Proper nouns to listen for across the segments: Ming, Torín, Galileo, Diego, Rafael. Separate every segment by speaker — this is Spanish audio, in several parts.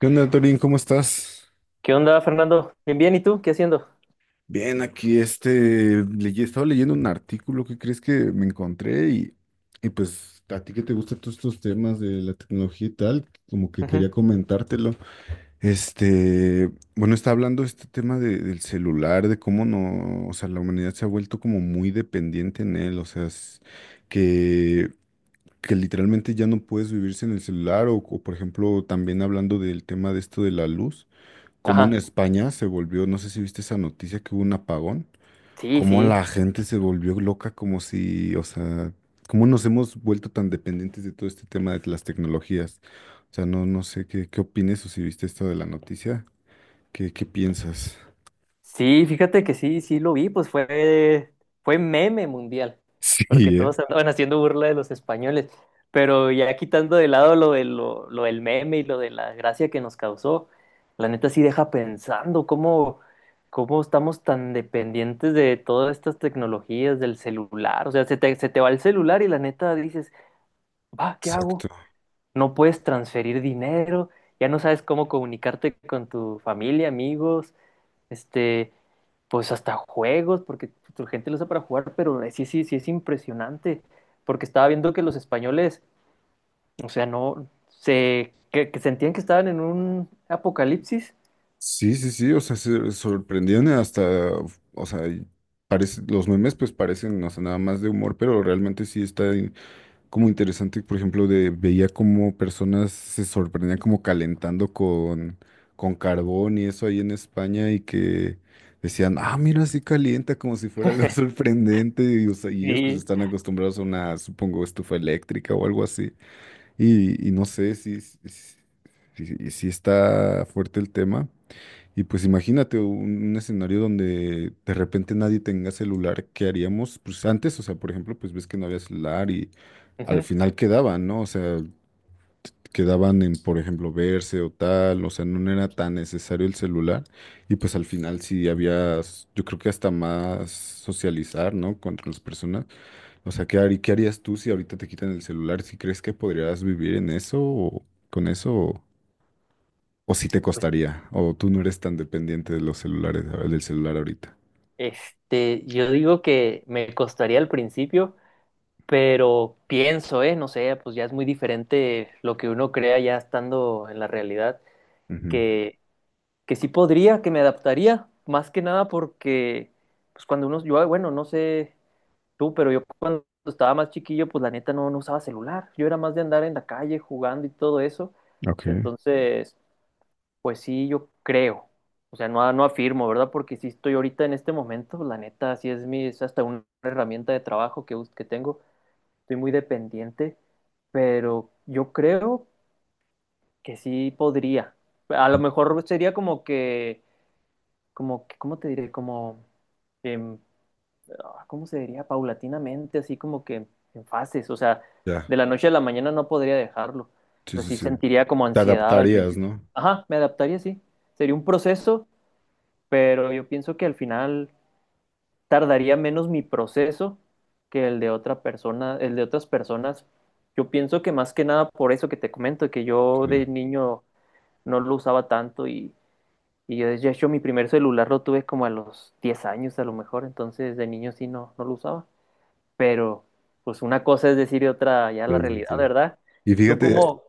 Speaker 1: ¿Qué onda, Torín? ¿Cómo estás?
Speaker 2: ¿Qué onda, Fernando? Bien, bien, ¿y tú? ¿Qué haciendo?
Speaker 1: Bien, aquí estaba leyendo un artículo que crees que me encontré y pues a ti que te gustan todos estos temas de la tecnología y tal, como que quería
Speaker 2: Ujú.
Speaker 1: comentártelo. Este, bueno, está hablando este tema del celular, de cómo no, o sea, la humanidad se ha vuelto como muy dependiente en él, o sea, que, que literalmente ya no puedes vivir sin el celular o, por ejemplo, también hablando del tema de esto de la luz. Como en
Speaker 2: Ajá.
Speaker 1: España se volvió, no sé si viste esa noticia que hubo un apagón,
Speaker 2: Sí,
Speaker 1: como la
Speaker 2: sí.
Speaker 1: gente se volvió loca, como si, o sea, cómo nos hemos vuelto tan dependientes de todo este tema de las tecnologías. O sea, no sé qué opines o si viste esto de la noticia, qué piensas.
Speaker 2: Sí, fíjate que sí, sí lo vi, pues fue meme mundial,
Speaker 1: Sí,
Speaker 2: porque
Speaker 1: ¿eh?
Speaker 2: todos andaban haciendo burla de los españoles, pero ya quitando de lado lo del meme y lo de la gracia que nos causó, la neta sí deja pensando cómo estamos tan dependientes de todas estas tecnologías, del celular, o sea, se te va el celular y la neta dices, va, ¿qué hago?
Speaker 1: Exacto.
Speaker 2: No puedes transferir dinero, ya no sabes cómo comunicarte con tu familia, amigos, este, pues hasta juegos, porque tu gente lo usa para jugar, pero sí, sí, sí es impresionante, porque estaba viendo que los españoles, o sea, no, que sentían que estaban en un apocalipsis.
Speaker 1: Sí, sí, sí, o sea, se sorprendieron hasta, o sea, y parece, los memes pues parecen, o sea, nada más de humor, pero realmente sí está como interesante, por ejemplo, de veía como personas se sorprendían como calentando con carbón y eso ahí en España y que decían, ah, mira, así calienta como si fuera algo sorprendente y, o sea, y ellos pues
Speaker 2: Sí.
Speaker 1: están acostumbrados a una, supongo, estufa eléctrica o algo así. Y no sé si si está fuerte el tema. Y pues imagínate un escenario donde de repente nadie tenga celular, ¿qué haríamos? Pues antes, o sea, por ejemplo, pues ves que no había celular y al
Speaker 2: Ujú.
Speaker 1: final quedaban, ¿no? O sea, quedaban en, por ejemplo, verse o tal, o sea, no era tan necesario el celular y pues al final sí había, yo creo que hasta más socializar, ¿no? Con las personas. O sea, ¿qué harías tú si ahorita te quitan el celular? ¿Si crees que podrías vivir en eso o con eso? O si te
Speaker 2: Pues,
Speaker 1: costaría, o tú no eres tan dependiente de los celulares, del celular ahorita.
Speaker 2: yo digo que me costaría al principio, pero pienso, no sé, pues ya es muy diferente lo que uno crea ya estando en la realidad.
Speaker 1: Ujú.
Speaker 2: que, que sí podría, que me adaptaría, más que nada porque, pues cuando uno, yo, bueno, no sé tú, pero yo cuando estaba más chiquillo, pues la neta no usaba celular, yo era más de andar en la calle jugando y todo eso,
Speaker 1: Ok.
Speaker 2: entonces, pues sí, yo creo, o sea, no afirmo, ¿verdad? Porque sí estoy ahorita en este momento, pues, la neta, sí es hasta una herramienta de trabajo que tengo, estoy muy dependiente, pero yo creo que sí podría, a lo mejor sería como que ¿cómo te diré? Como, em, ah, ¿cómo se diría? Paulatinamente, así como que en fases, o sea,
Speaker 1: Ya,
Speaker 2: de la noche a la mañana no podría dejarlo. O
Speaker 1: sí,
Speaker 2: sea,
Speaker 1: sí,
Speaker 2: sí
Speaker 1: sí.
Speaker 2: sentiría como
Speaker 1: Te
Speaker 2: ansiedad al
Speaker 1: adaptarías,
Speaker 2: principio.
Speaker 1: ¿no?
Speaker 2: Ajá, me adaptaría, sí. Sería un proceso, pero yo pienso que al final tardaría menos mi proceso que el de otra persona, el de otras personas. Yo pienso que más que nada por eso que te comento, que yo
Speaker 1: Sí,
Speaker 2: de niño no lo usaba tanto y yo, de hecho, mi primer celular lo tuve como a los 10 años a lo mejor, entonces de niño sí no lo usaba. Pero, pues una cosa es decir y otra ya
Speaker 1: sí,
Speaker 2: la
Speaker 1: sí,
Speaker 2: realidad,
Speaker 1: sí.
Speaker 2: ¿verdad?
Speaker 1: Y
Speaker 2: Tú
Speaker 1: fíjate,
Speaker 2: como,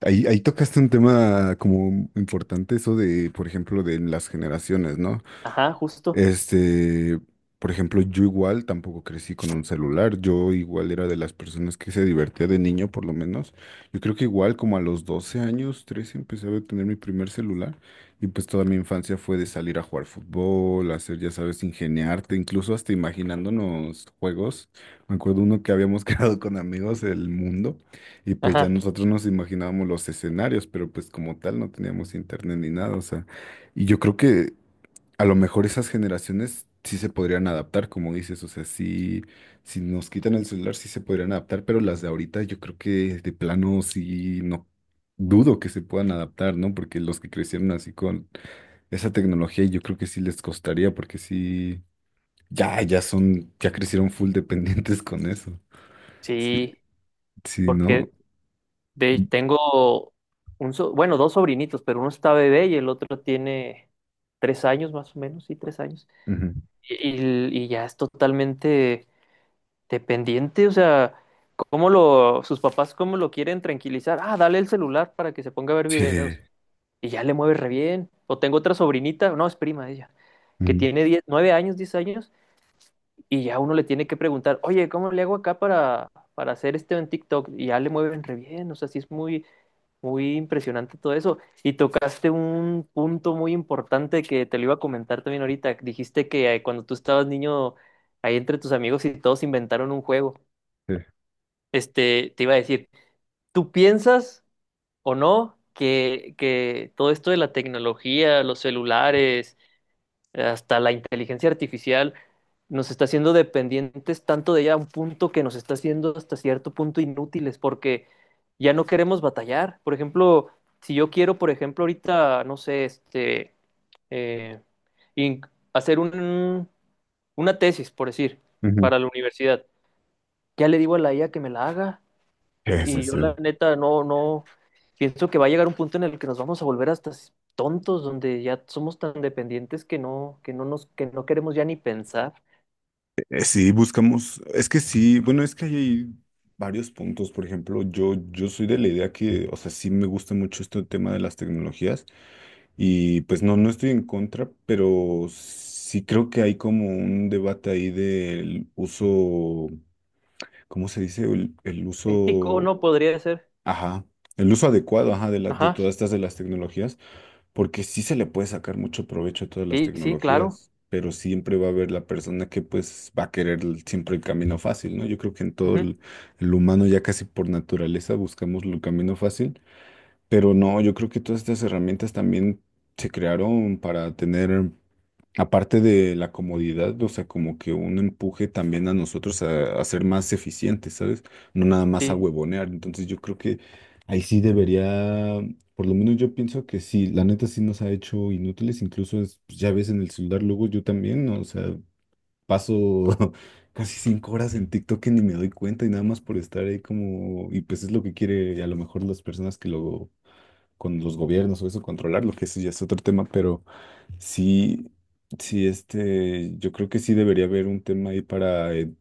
Speaker 1: ahí tocaste un tema como importante, eso de, por ejemplo, de las generaciones, ¿no?
Speaker 2: ajá, justo,
Speaker 1: Este, por ejemplo, yo igual tampoco crecí con un celular, yo igual era de las personas que se divertía de niño por lo menos. Yo creo que igual como a los 12 años, 13 empecé a tener mi primer celular y pues toda mi infancia fue de salir a jugar fútbol, hacer, ya sabes, ingeniarte, incluso hasta imaginándonos juegos. Me acuerdo uno que habíamos creado con amigos, el mundo, y pues ya
Speaker 2: ajá,
Speaker 1: nosotros nos imaginábamos los escenarios, pero pues como tal no teníamos internet ni nada, o sea, y yo creo que... A lo mejor esas generaciones sí se podrían adaptar, como dices, o sea, sí, si nos quitan el celular sí se podrían adaptar, pero las de ahorita yo creo que de plano sí no dudo que se puedan adaptar, ¿no? Porque los que crecieron así con esa tecnología yo creo que sí les costaría, porque sí, ya crecieron full dependientes con eso. Sí,
Speaker 2: sí,
Speaker 1: sí, ¿no?
Speaker 2: porque tengo bueno, dos sobrinitos, pero uno está bebé y el otro tiene 3 años más o menos, sí, 3 años.
Speaker 1: Ujú.
Speaker 2: Y, y ya es totalmente dependiente, o sea, ¿sus papás cómo lo quieren tranquilizar? Ah, dale el celular para que se ponga a ver
Speaker 1: Sí.
Speaker 2: videos. Y ya le mueve re bien. O tengo otra sobrinita, no, es prima de ella, que
Speaker 1: Ujú.
Speaker 2: tiene 10, 9 años, 10 años, y ya uno le tiene que preguntar, oye, ¿cómo le hago acá para hacer esto en TikTok? Y ya le mueven re bien, o sea, sí es muy, muy impresionante todo eso. Y tocaste un punto muy importante que te lo iba a comentar también ahorita. Dijiste que cuando tú estabas niño, ahí entre tus amigos y todos inventaron un juego.
Speaker 1: Sí.
Speaker 2: Te iba a decir, ¿tú piensas o no que todo esto de la tecnología, los celulares, hasta la inteligencia artificial, nos está haciendo dependientes tanto de ella a un punto que nos está haciendo hasta cierto punto inútiles porque ya no queremos batallar? Por ejemplo, si yo quiero, por ejemplo, ahorita, no sé, eh, in- hacer una tesis, por decir,
Speaker 1: Ujú.
Speaker 2: para la universidad, ya le digo a la IA que me la haga.
Speaker 1: Sí, sí,
Speaker 2: Y
Speaker 1: sí.
Speaker 2: yo la neta no, no, pienso que va a llegar un punto en el que nos vamos a volver hasta tontos, donde ya somos tan dependientes que no queremos ya ni pensar.
Speaker 1: Sí, buscamos, es que sí, bueno, es que ahí hay varios puntos, por ejemplo, yo soy de la idea que, o sea, sí me gusta mucho este tema de las tecnologías y pues no estoy en contra, pero sí creo que hay como un debate ahí del uso, ¿cómo se dice? El
Speaker 2: Ético
Speaker 1: uso,
Speaker 2: no podría ser.
Speaker 1: ajá, el uso adecuado, ajá, de
Speaker 2: Ajá,
Speaker 1: todas estas de las tecnologías porque sí se le puede sacar mucho provecho a todas las
Speaker 2: sí, sí, claro.
Speaker 1: tecnologías, pero siempre va a haber la persona que pues va a querer siempre el camino fácil, ¿no? Yo creo que en todo
Speaker 2: Ujú.
Speaker 1: el humano ya casi por naturaleza buscamos el camino fácil, pero no, yo creo que todas estas herramientas también se crearon para tener aparte de la comodidad, o sea, como que un empuje también a nosotros a ser más eficientes, ¿sabes? No nada más a
Speaker 2: Sí,
Speaker 1: huevonear. Entonces yo creo que ahí sí debería, por lo menos yo pienso que sí, la neta sí nos ha hecho inútiles, incluso pues, ya ves en el celular luego yo también, ¿no? O sea, paso casi 5 horas en TikTok que ni me doy cuenta y nada más por estar ahí como, y pues es lo que quiere a lo mejor las personas que luego, con los gobiernos o eso, controlar, lo que eso ya es otro tema, pero... Sí, sí, este, yo creo que sí debería haber un tema ahí para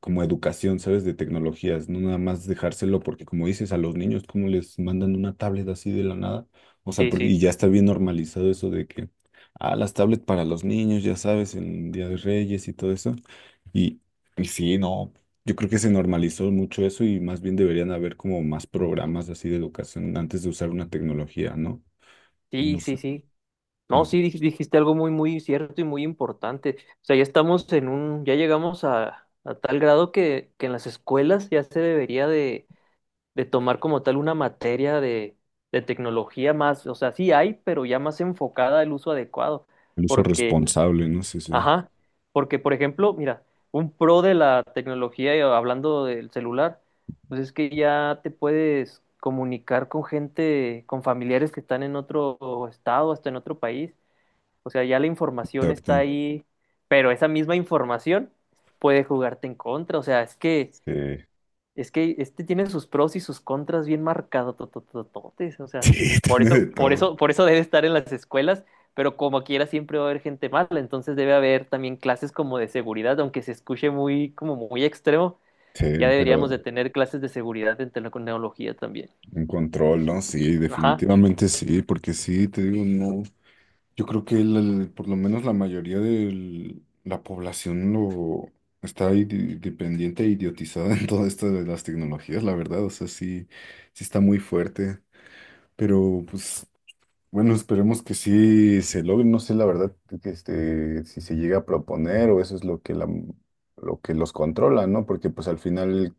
Speaker 1: como educación, ¿sabes? De tecnologías, no nada más dejárselo, porque como dices, a los niños, como les mandan una tablet así de la nada? O sea,
Speaker 2: sí,
Speaker 1: porque
Speaker 2: sí,
Speaker 1: y ya está bien normalizado eso de que, ah, las tablets para los niños, ya sabes, en Día de Reyes y todo eso. Y, y sí, no, yo creo que se normalizó mucho eso y más bien deberían haber como más programas así de educación antes de usar una tecnología, ¿no?
Speaker 2: sí,
Speaker 1: No
Speaker 2: sí,
Speaker 1: sé,
Speaker 2: sí.
Speaker 1: no
Speaker 2: No,
Speaker 1: sé.
Speaker 2: sí, dijiste algo muy, muy cierto y muy importante. O sea, ya estamos ya llegamos a, tal grado que en las escuelas ya se debería de tomar como tal una materia de tecnología más, o sea, sí hay, pero ya más enfocada al uso adecuado,
Speaker 1: El uso
Speaker 2: porque,
Speaker 1: responsable, ¿no? Sé, sí, sí.
Speaker 2: ajá, porque por ejemplo, mira, un pro de la tecnología, y hablando del celular, pues es que ya te puedes comunicar con gente, con familiares que están en otro estado, hasta en otro país, o sea, ya la información
Speaker 1: Exacto.
Speaker 2: está ahí, pero esa misma información puede jugarte en contra, o sea, es que
Speaker 1: Sí,
Speaker 2: es que este tiene sus pros y sus contras bien marcados, tototototes, o sea,
Speaker 1: sí,
Speaker 2: por
Speaker 1: tiene
Speaker 2: eso,
Speaker 1: de
Speaker 2: por
Speaker 1: todo.
Speaker 2: eso, por eso debe estar en las escuelas, pero como quiera siempre va a haber gente mala, entonces debe haber también clases como de seguridad, aunque se escuche muy, como muy extremo,
Speaker 1: Sí,
Speaker 2: ya deberíamos de
Speaker 1: pero
Speaker 2: tener clases de seguridad en tecnología también.
Speaker 1: un control, ¿no? Sí,
Speaker 2: Ajá,
Speaker 1: definitivamente sí, porque sí, te digo, no. Yo creo que por lo menos la mayoría de la población lo está ahí dependiente e idiotizada en todo esto de las tecnologías, la verdad. O sea, sí, sí está muy fuerte. Pero pues bueno, esperemos que sí se logre. No sé la verdad que este, si se llega a proponer o eso es lo que lo que los controla, ¿no? Porque pues al final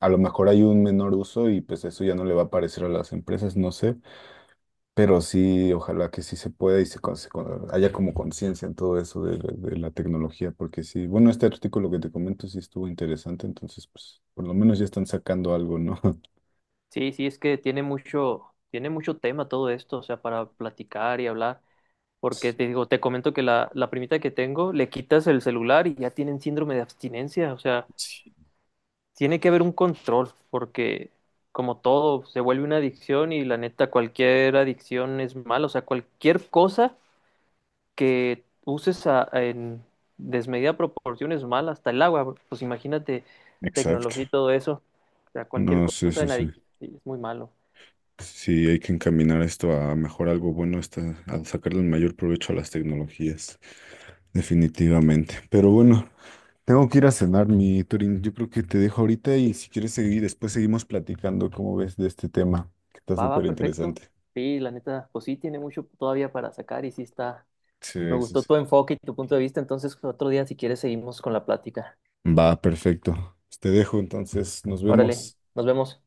Speaker 1: a lo mejor hay un menor uso y pues eso ya no le va a parecer a las empresas, no sé. Pero sí, ojalá que sí se pueda y se, haya como conciencia en todo eso de la tecnología, porque sí, bueno, este artículo que te comento sí estuvo interesante, entonces pues por lo menos ya están sacando algo, ¿no?
Speaker 2: sí, sí, es que tiene mucho tema todo esto, o sea, para platicar y hablar. Porque te comento que la primita que tengo le quitas el celular y ya tienen síndrome de abstinencia, o sea,
Speaker 1: Sí.
Speaker 2: tiene que haber un control, porque como todo, se vuelve una adicción y la neta, cualquier adicción es mala. O sea, cualquier cosa que uses en desmedida proporción es mala, hasta el agua. Pues imagínate tecnología y
Speaker 1: Exacto.
Speaker 2: todo eso. O sea, cualquier
Speaker 1: No, sí,
Speaker 2: cosa
Speaker 1: sí,
Speaker 2: en
Speaker 1: sí.
Speaker 2: adicción es muy malo.
Speaker 1: Sí, hay que encaminar esto a mejor algo bueno, está, a sacarle el mayor provecho a las tecnologías, definitivamente. Pero bueno, tengo que ir a cenar, mi Turín. Yo creo que te dejo ahorita y si quieres seguir, después seguimos platicando, ¿cómo ves de este tema? Que está
Speaker 2: Va, va,
Speaker 1: súper
Speaker 2: perfecto.
Speaker 1: interesante.
Speaker 2: Sí, la neta, pues sí, tiene mucho todavía para sacar y sí está. Me
Speaker 1: Sí, sí,
Speaker 2: gustó
Speaker 1: sí.
Speaker 2: tu enfoque y tu punto de vista. Entonces, otro día, si quieres, seguimos con la plática.
Speaker 1: Va, perfecto. Pues te dejo, entonces, nos
Speaker 2: Órale,
Speaker 1: vemos.
Speaker 2: nos vemos.